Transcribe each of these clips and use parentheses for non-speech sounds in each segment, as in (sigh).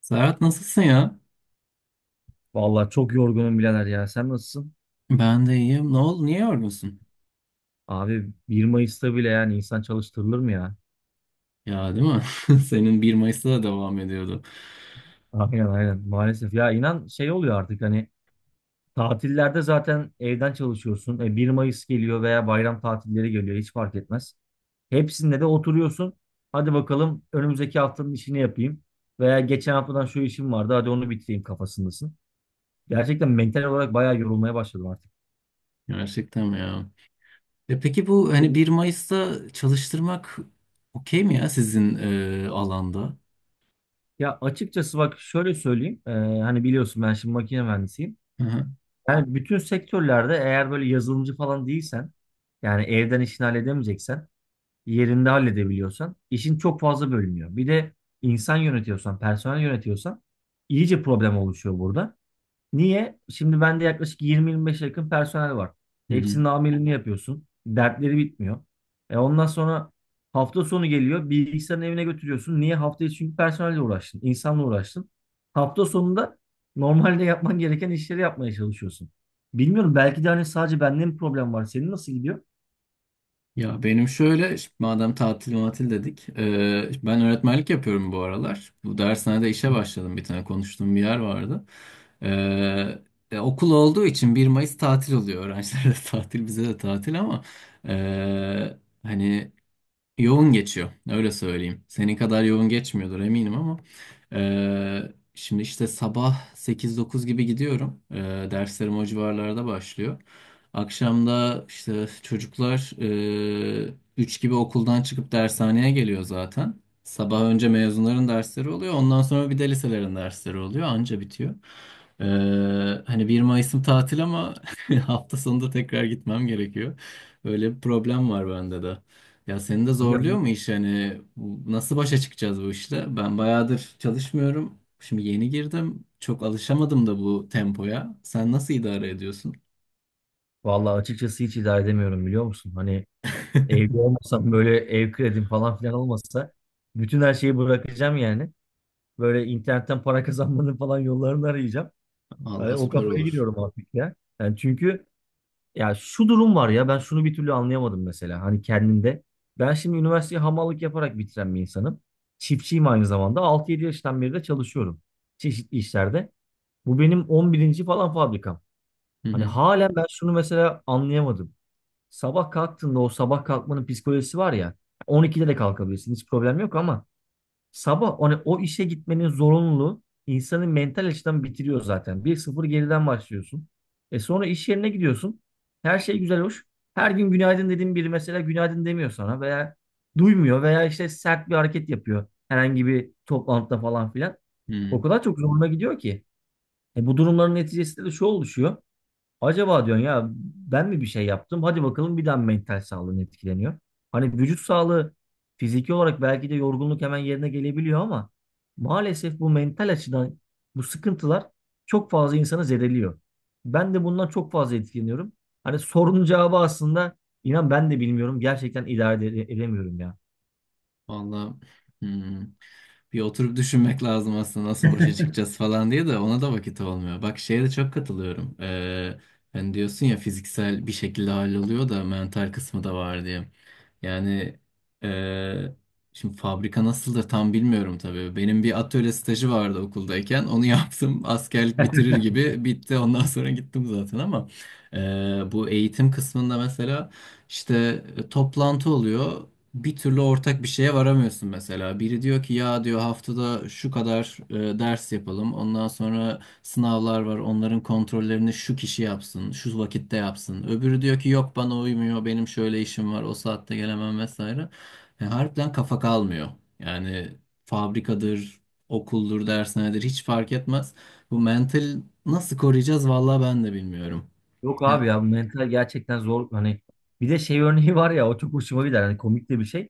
Serhat, nasılsın ya? Vallahi çok yorgunum birader ya. Sen nasılsın? Ben de iyiyim. Ne oldu? Niye yorgunsun? Abi 1 Mayıs'ta bile yani insan çalıştırılır mı ya? Ya, değil mi? (laughs) Senin bir Mayıs'ta da devam ediyordu. Aynen aynen maalesef. Ya inan şey oluyor artık hani tatillerde zaten evden çalışıyorsun. E, 1 Mayıs geliyor veya bayram tatilleri geliyor hiç fark etmez. Hepsinde de oturuyorsun. Hadi bakalım önümüzdeki haftanın işini yapayım. Veya geçen haftadan şu işim vardı hadi onu bitireyim kafasındasın. Gerçekten mental olarak bayağı yorulmaya başladım artık. Gerçekten mi ya? E peki bu hani 1 Mayıs'ta çalıştırmak okey mi ya sizin alanda? Ya açıkçası bak şöyle söyleyeyim. Hani biliyorsun ben şimdi makine mühendisiyim. Hı Yani bütün sektörlerde eğer böyle yazılımcı falan değilsen, yani evden işini halledemeyeceksen, yerinde halledebiliyorsan, işin çok fazla bölünüyor. Bir de insan yönetiyorsan, personel yönetiyorsan iyice problem oluşuyor burada. Niye? Şimdi bende yaklaşık 20-25'e yakın personel var. hı. Hepsinin amirliğini yapıyorsun. Dertleri bitmiyor. E ondan sonra hafta sonu geliyor. Bilgisayarın evine götürüyorsun. Niye? Hafta içi çünkü personelle uğraştın. İnsanla uğraştın. Hafta sonunda normalde yapman gereken işleri yapmaya çalışıyorsun. Bilmiyorum belki de hani sadece bende mi problem var? Senin nasıl gidiyor? Ya benim şöyle, şimdi madem tatil matil dedik, ben öğretmenlik yapıyorum bu aralar. Bu dershanede işe Hı hı. başladım, bir tane konuştuğum bir yer vardı. Eee, Okul olduğu için bir Mayıs tatil oluyor. Öğrencilere de (laughs) tatil, bize de tatil ama eee, hani yoğun geçiyor, öyle söyleyeyim. Senin kadar yoğun geçmiyordur eminim ama. Şimdi işte sabah sekiz dokuz gibi gidiyorum. Derslerim o civarlarda başlıyor. Akşamda işte çocuklar 3 gibi okuldan çıkıp dershaneye geliyor zaten. Sabah önce mezunların dersleri oluyor. Ondan sonra bir de liselerin dersleri oluyor. Anca bitiyor. Eee, Hani bir Mayıs'ım tatil ama (laughs) hafta sonunda tekrar gitmem gerekiyor. Öyle bir problem var bende de. Ya seni de Abi zorluyor hani mu iş, hani bu- nasıl başa çıkacağız bu işle? Ben bayağıdır çalışmıyorum. Şimdi yeni girdim. Çok alışamadım da bu tempoya. Sen nasıl idare ediyorsun? vallahi açıkçası hiç idare edemiyorum biliyor musun? Hani evde olmasam böyle ev kredim falan filan olmasa bütün her şeyi bırakacağım yani. Böyle internetten para kazanmanın falan yollarını arayacağım. Hani Vallahi o süper kafaya olur. giriyorum artık ya. Yani çünkü ya şu durum var ya ben şunu bir türlü anlayamadım mesela hani kendimde. Ben şimdi üniversiteyi hamallık yaparak bitiren bir insanım. Çiftçiyim aynı zamanda. 6-7 yaştan beri de çalışıyorum çeşitli işlerde. Bu benim 11. falan fabrikam. Hı Hani hı. halen ben şunu mesela anlayamadım. Sabah kalktığında o sabah kalkmanın psikolojisi var ya. 12'de de kalkabilirsin hiç problem yok ama sabah o işe gitmenin zorunluluğu insanı mental açıdan bitiriyor zaten. Bir sıfır geriden başlıyorsun. E sonra iş yerine gidiyorsun. Her şey güzel hoş. Her gün günaydın dediğin biri mesela günaydın demiyor sana veya duymuyor veya işte sert bir hareket yapıyor herhangi bir toplantıda falan filan. O Hı. kadar çok zoruna gidiyor ki. E bu durumların neticesinde de şu oluşuyor. Acaba diyorsun ya ben mi bir şey yaptım? Hadi bakalım bir daha mental sağlığın etkileniyor. Hani vücut sağlığı fiziki olarak belki de yorgunluk hemen yerine gelebiliyor ama maalesef bu mental açıdan bu sıkıntılar çok fazla insanı zedeliyor. Ben de bundan çok fazla etkileniyorum. Hani sorunun cevabı aslında inan ben de bilmiyorum. Gerçekten idare edemiyorum ya. Vallahi, hmm, bir oturup düşünmek lazım aslında nasıl başa çıkacağız falan diye, de ona da vakit olmuyor. Bak şeye de çok katılıyorum. Hani diyorsun ya, fiziksel bir şekilde halloluyor da mental kısmı da var diye. Yani eee, şimdi fabrika nasıldır tam bilmiyorum tabii. Benim bir atölye stajı vardı okuldayken. Onu (laughs) yaptım. Askerlik bitirir gibi bitti. Ondan sonra gittim zaten ama bu eğitim kısmında mesela işte toplantı oluyor, bir türlü ortak bir şeye varamıyorsun mesela. Biri diyor ki ya, diyor, haftada şu kadar ders yapalım. Ondan sonra sınavlar var. Onların kontrollerini şu kişi yapsın, şu vakitte yapsın. Öbürü diyor ki yok, bana uymuyor. Benim şöyle işim var. O saatte gelemem vesaire. Yani harbiden kafa kalmıyor. Yani fabrikadır, okuldur, dershanedir, hiç fark etmez. Bu mental nasıl koruyacağız vallahi ben de bilmiyorum. Yok abi Ya. ya bu mental gerçekten zor. Hani bir de şey örneği var ya o çok hoşuma gider. Hani komik de bir şey.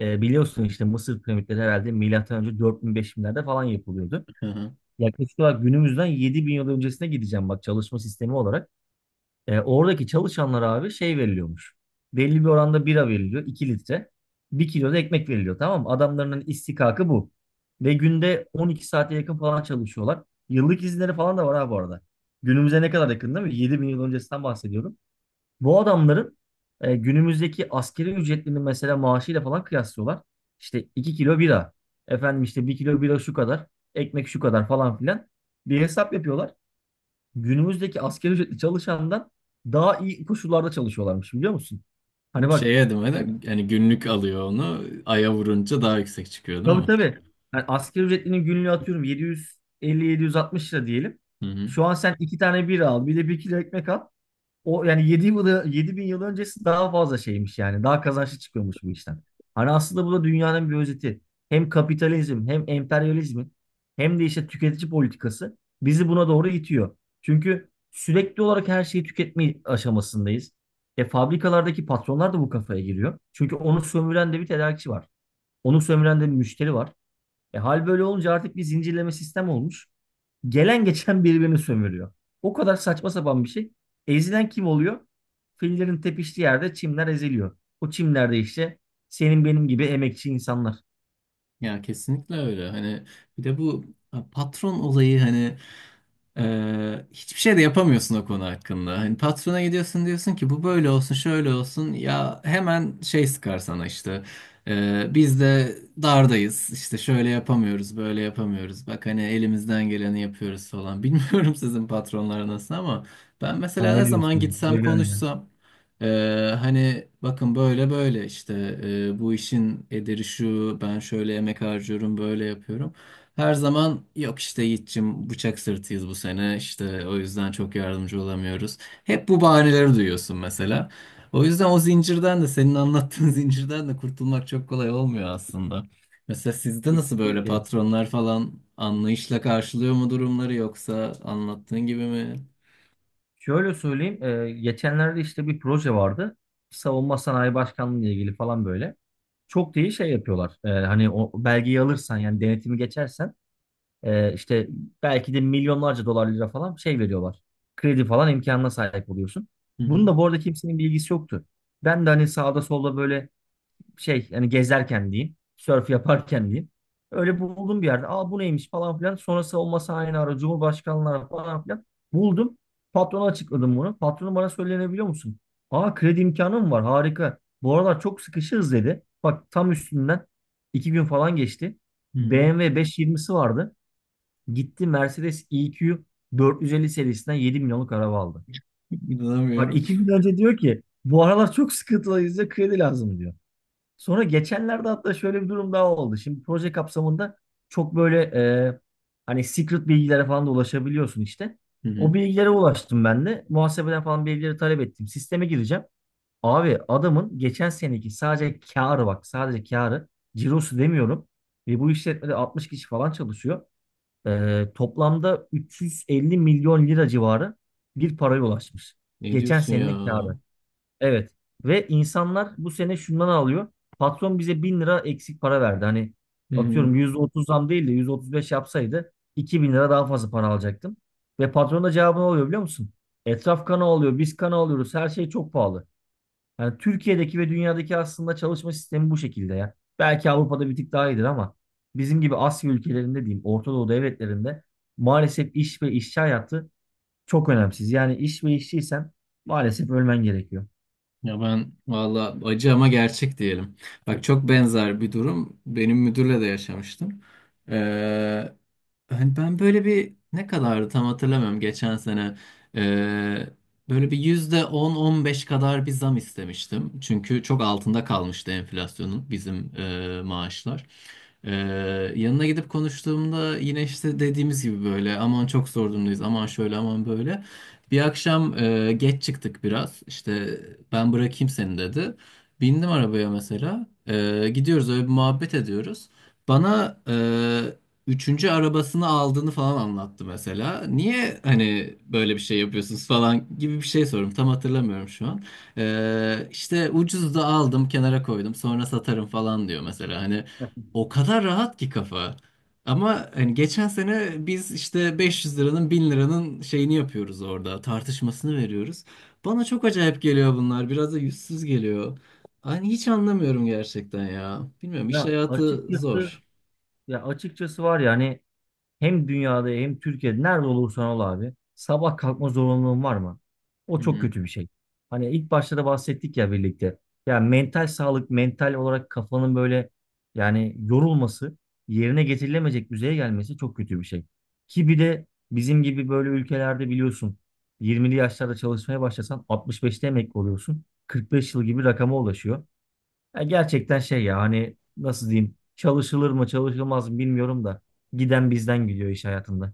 E, biliyorsun işte Mısır piramitleri herhalde milattan önce 4000-5000'lerde falan yapılıyordu. (laughs) Yaklaşık olarak günümüzden 7000 yıl öncesine gideceğim bak çalışma sistemi olarak. E, oradaki çalışanlara abi şey veriliyormuş. Belli bir oranda bira veriliyor 2 litre. Bir kilo da ekmek veriliyor tamam mı? Adamların istikakı bu. Ve günde 12 saate yakın falan çalışıyorlar. Yıllık izinleri falan da var ha bu arada. Günümüze ne kadar yakın değil mi? 7000 yıl öncesinden bahsediyorum. Bu adamların günümüzdeki askeri ücretlerini mesela maaşıyla falan kıyaslıyorlar. İşte 2 kilo bira. Efendim işte 1 kilo bira şu kadar. Ekmek şu kadar falan filan. Bir hesap yapıyorlar. Günümüzdeki askeri ücretli çalışandan daha iyi koşullarda çalışıyorlarmış biliyor musun? Hani Bu bak şey adımı da, yani günlük alıyor onu. Aya vurunca daha yüksek çıkıyor değil tabii mi? tabii. Yani asgari ücretlinin günlüğü atıyorum 750-760 lira diyelim. Hı hı. Şu an sen 2 tane bira al bir de 1 kilo ekmek al. O yani 7 yılı 7000 yıl öncesi daha fazla şeymiş yani. Daha kazançlı çıkıyormuş bu işten. Hani aslında bu da dünyanın bir özeti. Hem kapitalizm hem emperyalizmin hem de işte tüketici politikası bizi buna doğru itiyor. Çünkü sürekli olarak her şeyi tüketme aşamasındayız. E fabrikalardaki patronlar da bu kafaya giriyor. Çünkü onu sömüren de bir tedarikçi var. Onu sömüren de bir müşteri var. E hal böyle olunca artık bir zincirleme sistem olmuş. Gelen geçen birbirini sömürüyor. O kadar saçma sapan bir şey. Ezilen kim oluyor? Fillerin tepiştiği yerde çimler eziliyor. O çimlerde işte senin benim gibi emekçi insanlar. Ya kesinlikle öyle. Hani bir de bu patron olayı, hani hiçbir şey de yapamıyorsun o konu hakkında. Hani patrona gidiyorsun, diyorsun ki bu böyle olsun, şöyle olsun. Ya hemen şey sıkar sana işte. Biz de dardayız. İşte şöyle yapamıyoruz, böyle yapamıyoruz. Bak hani elimizden geleni yapıyoruz falan. (laughs) Bilmiyorum sizin patronlar nasıl ama ben Sen mesela ne ne zaman diyorsun? gitsem, Ne diyorsun ya? konuşsam, hani bakın böyle böyle işte, bu işin ederi şu, ben şöyle emek harcıyorum, böyle yapıyorum. Her zaman yok işte Yiğit'cim, bıçak sırtıyız bu sene işte, o yüzden çok yardımcı olamıyoruz. Hep bu bahaneleri duyuyorsun mesela. O yüzden o zincirden de, senin anlattığın (laughs) zincirden de kurtulmak çok kolay olmuyor aslında. Mesela sizde nasıl, böyle Kesinlikle. patronlar falan anlayışla karşılıyor mu durumları, yoksa anlattığın gibi mi? Şöyle söyleyeyim. Geçenlerde işte bir proje vardı. Savunma Sanayi Başkanlığı ile ilgili falan böyle. Çok da iyi şey yapıyorlar. E, hani o belgeyi alırsan yani denetimi geçersen işte belki de milyonlarca dolar lira falan şey veriyorlar. Kredi falan imkanına sahip oluyorsun. Hı hı. Bunun da bu arada kimsenin bilgisi yoktu. Ben de hani sağda solda böyle şey hani gezerken diyeyim, sörf yaparken diyeyim. Öyle buldum bir yerde. Aa bu neymiş falan filan. Sonrası olmasa aynı ara Cumhurbaşkanlığı falan filan. Buldum. Patrona açıkladım bunu. Patronum bana söylenebiliyor musun? Aa kredi imkanı mı var? Harika. Bu aralar çok sıkışığız dedi. Bak tam üstünden 2 gün falan geçti. Hı hı. BMW 520'si vardı. Gitti Mercedes EQ 450 serisinden 7 milyonluk araba aldı. Bak İnanamıyorum. 2 gün önce diyor ki bu aralar çok sıkıntılıyız da kredi lazım diyor. Sonra geçenlerde hatta şöyle bir durum daha oldu. Şimdi proje kapsamında çok böyle e, hani secret bilgilere falan da ulaşabiliyorsun işte. O bilgilere ulaştım ben de. Muhasebeden falan bilgileri talep ettim. Sisteme gireceğim. Abi adamın geçen seneki sadece kârı bak sadece kârı cirosu demiyorum. Ve bu işletmede 60 kişi falan çalışıyor. Toplamda 350 milyon lira civarı bir paraya ulaşmış. Ne Geçen diyorsun ya? senenin kârı. Evet. Ve insanlar bu sene şundan alıyor. Patron bize 1000 lira eksik para verdi. Hani Hmm. atıyorum %30 zam değil de %35 yapsaydı 2000 lira daha fazla para alacaktım. Ve patron da cevabını alıyor biliyor musun? Etraf kana alıyor, biz kana alıyoruz, her şey çok pahalı. Yani Türkiye'deki ve dünyadaki aslında çalışma sistemi bu şekilde ya. Belki Avrupa'da bir tık daha iyidir ama bizim gibi Asya ülkelerinde diyeyim, Orta Doğu devletlerinde maalesef iş ve işçi hayatı çok önemsiz. Yani iş ve işçiysen maalesef ölmen gerekiyor. Ya ben valla acı ama gerçek diyelim. Bak çok benzer bir durum benim müdürle de yaşamıştım. Ee, Hani ben böyle bir, ne kadardı tam hatırlamıyorum, geçen sene. Ee, Böyle bir %10-15 kadar bir zam istemiştim. Çünkü çok altında kalmıştı enflasyonun bizim maaşlar. Ee, Yanına gidip konuştuğumda yine işte dediğimiz gibi böyle, aman çok zor durumdayız, aman şöyle, aman böyle. Bir akşam geç çıktık biraz. İşte ben bırakayım seni dedi. Bindim arabaya mesela. Gidiyoruz, öyle bir muhabbet ediyoruz. Bana üçüncü arabasını aldığını falan anlattı mesela. Niye hani böyle bir şey yapıyorsunuz falan gibi bir şey sorum. Tam hatırlamıyorum şu an. İşte ucuz da aldım, kenara koydum, sonra satarım falan diyor mesela. Hani o kadar rahat ki kafa. Ama hani geçen sene biz işte 500 liranın, 1000 liranın şeyini yapıyoruz orada. Tartışmasını veriyoruz. Bana çok acayip geliyor bunlar. Biraz da yüzsüz geliyor. Hani hiç anlamıyorum gerçekten ya. Bilmiyorum, iş Ya hayatı Açıkçası zor. ya açıkçası var ya hani hem dünyada hem Türkiye'de nerede olursan ol abi. Sabah kalkma zorunluluğun var mı? O Hı çok hı. kötü bir şey. Hani ilk başta da bahsettik ya birlikte. Ya mental sağlık, mental olarak kafanın böyle yani yorulması, yerine getirilemeyecek düzeye gelmesi çok kötü bir şey. Ki bir de bizim gibi böyle ülkelerde biliyorsun 20'li yaşlarda çalışmaya başlasan 65'te emekli oluyorsun. 45 yıl gibi rakama ulaşıyor. Ya gerçekten şey ya hani nasıl diyeyim çalışılır mı çalışılmaz mı bilmiyorum da giden bizden gidiyor iş hayatında.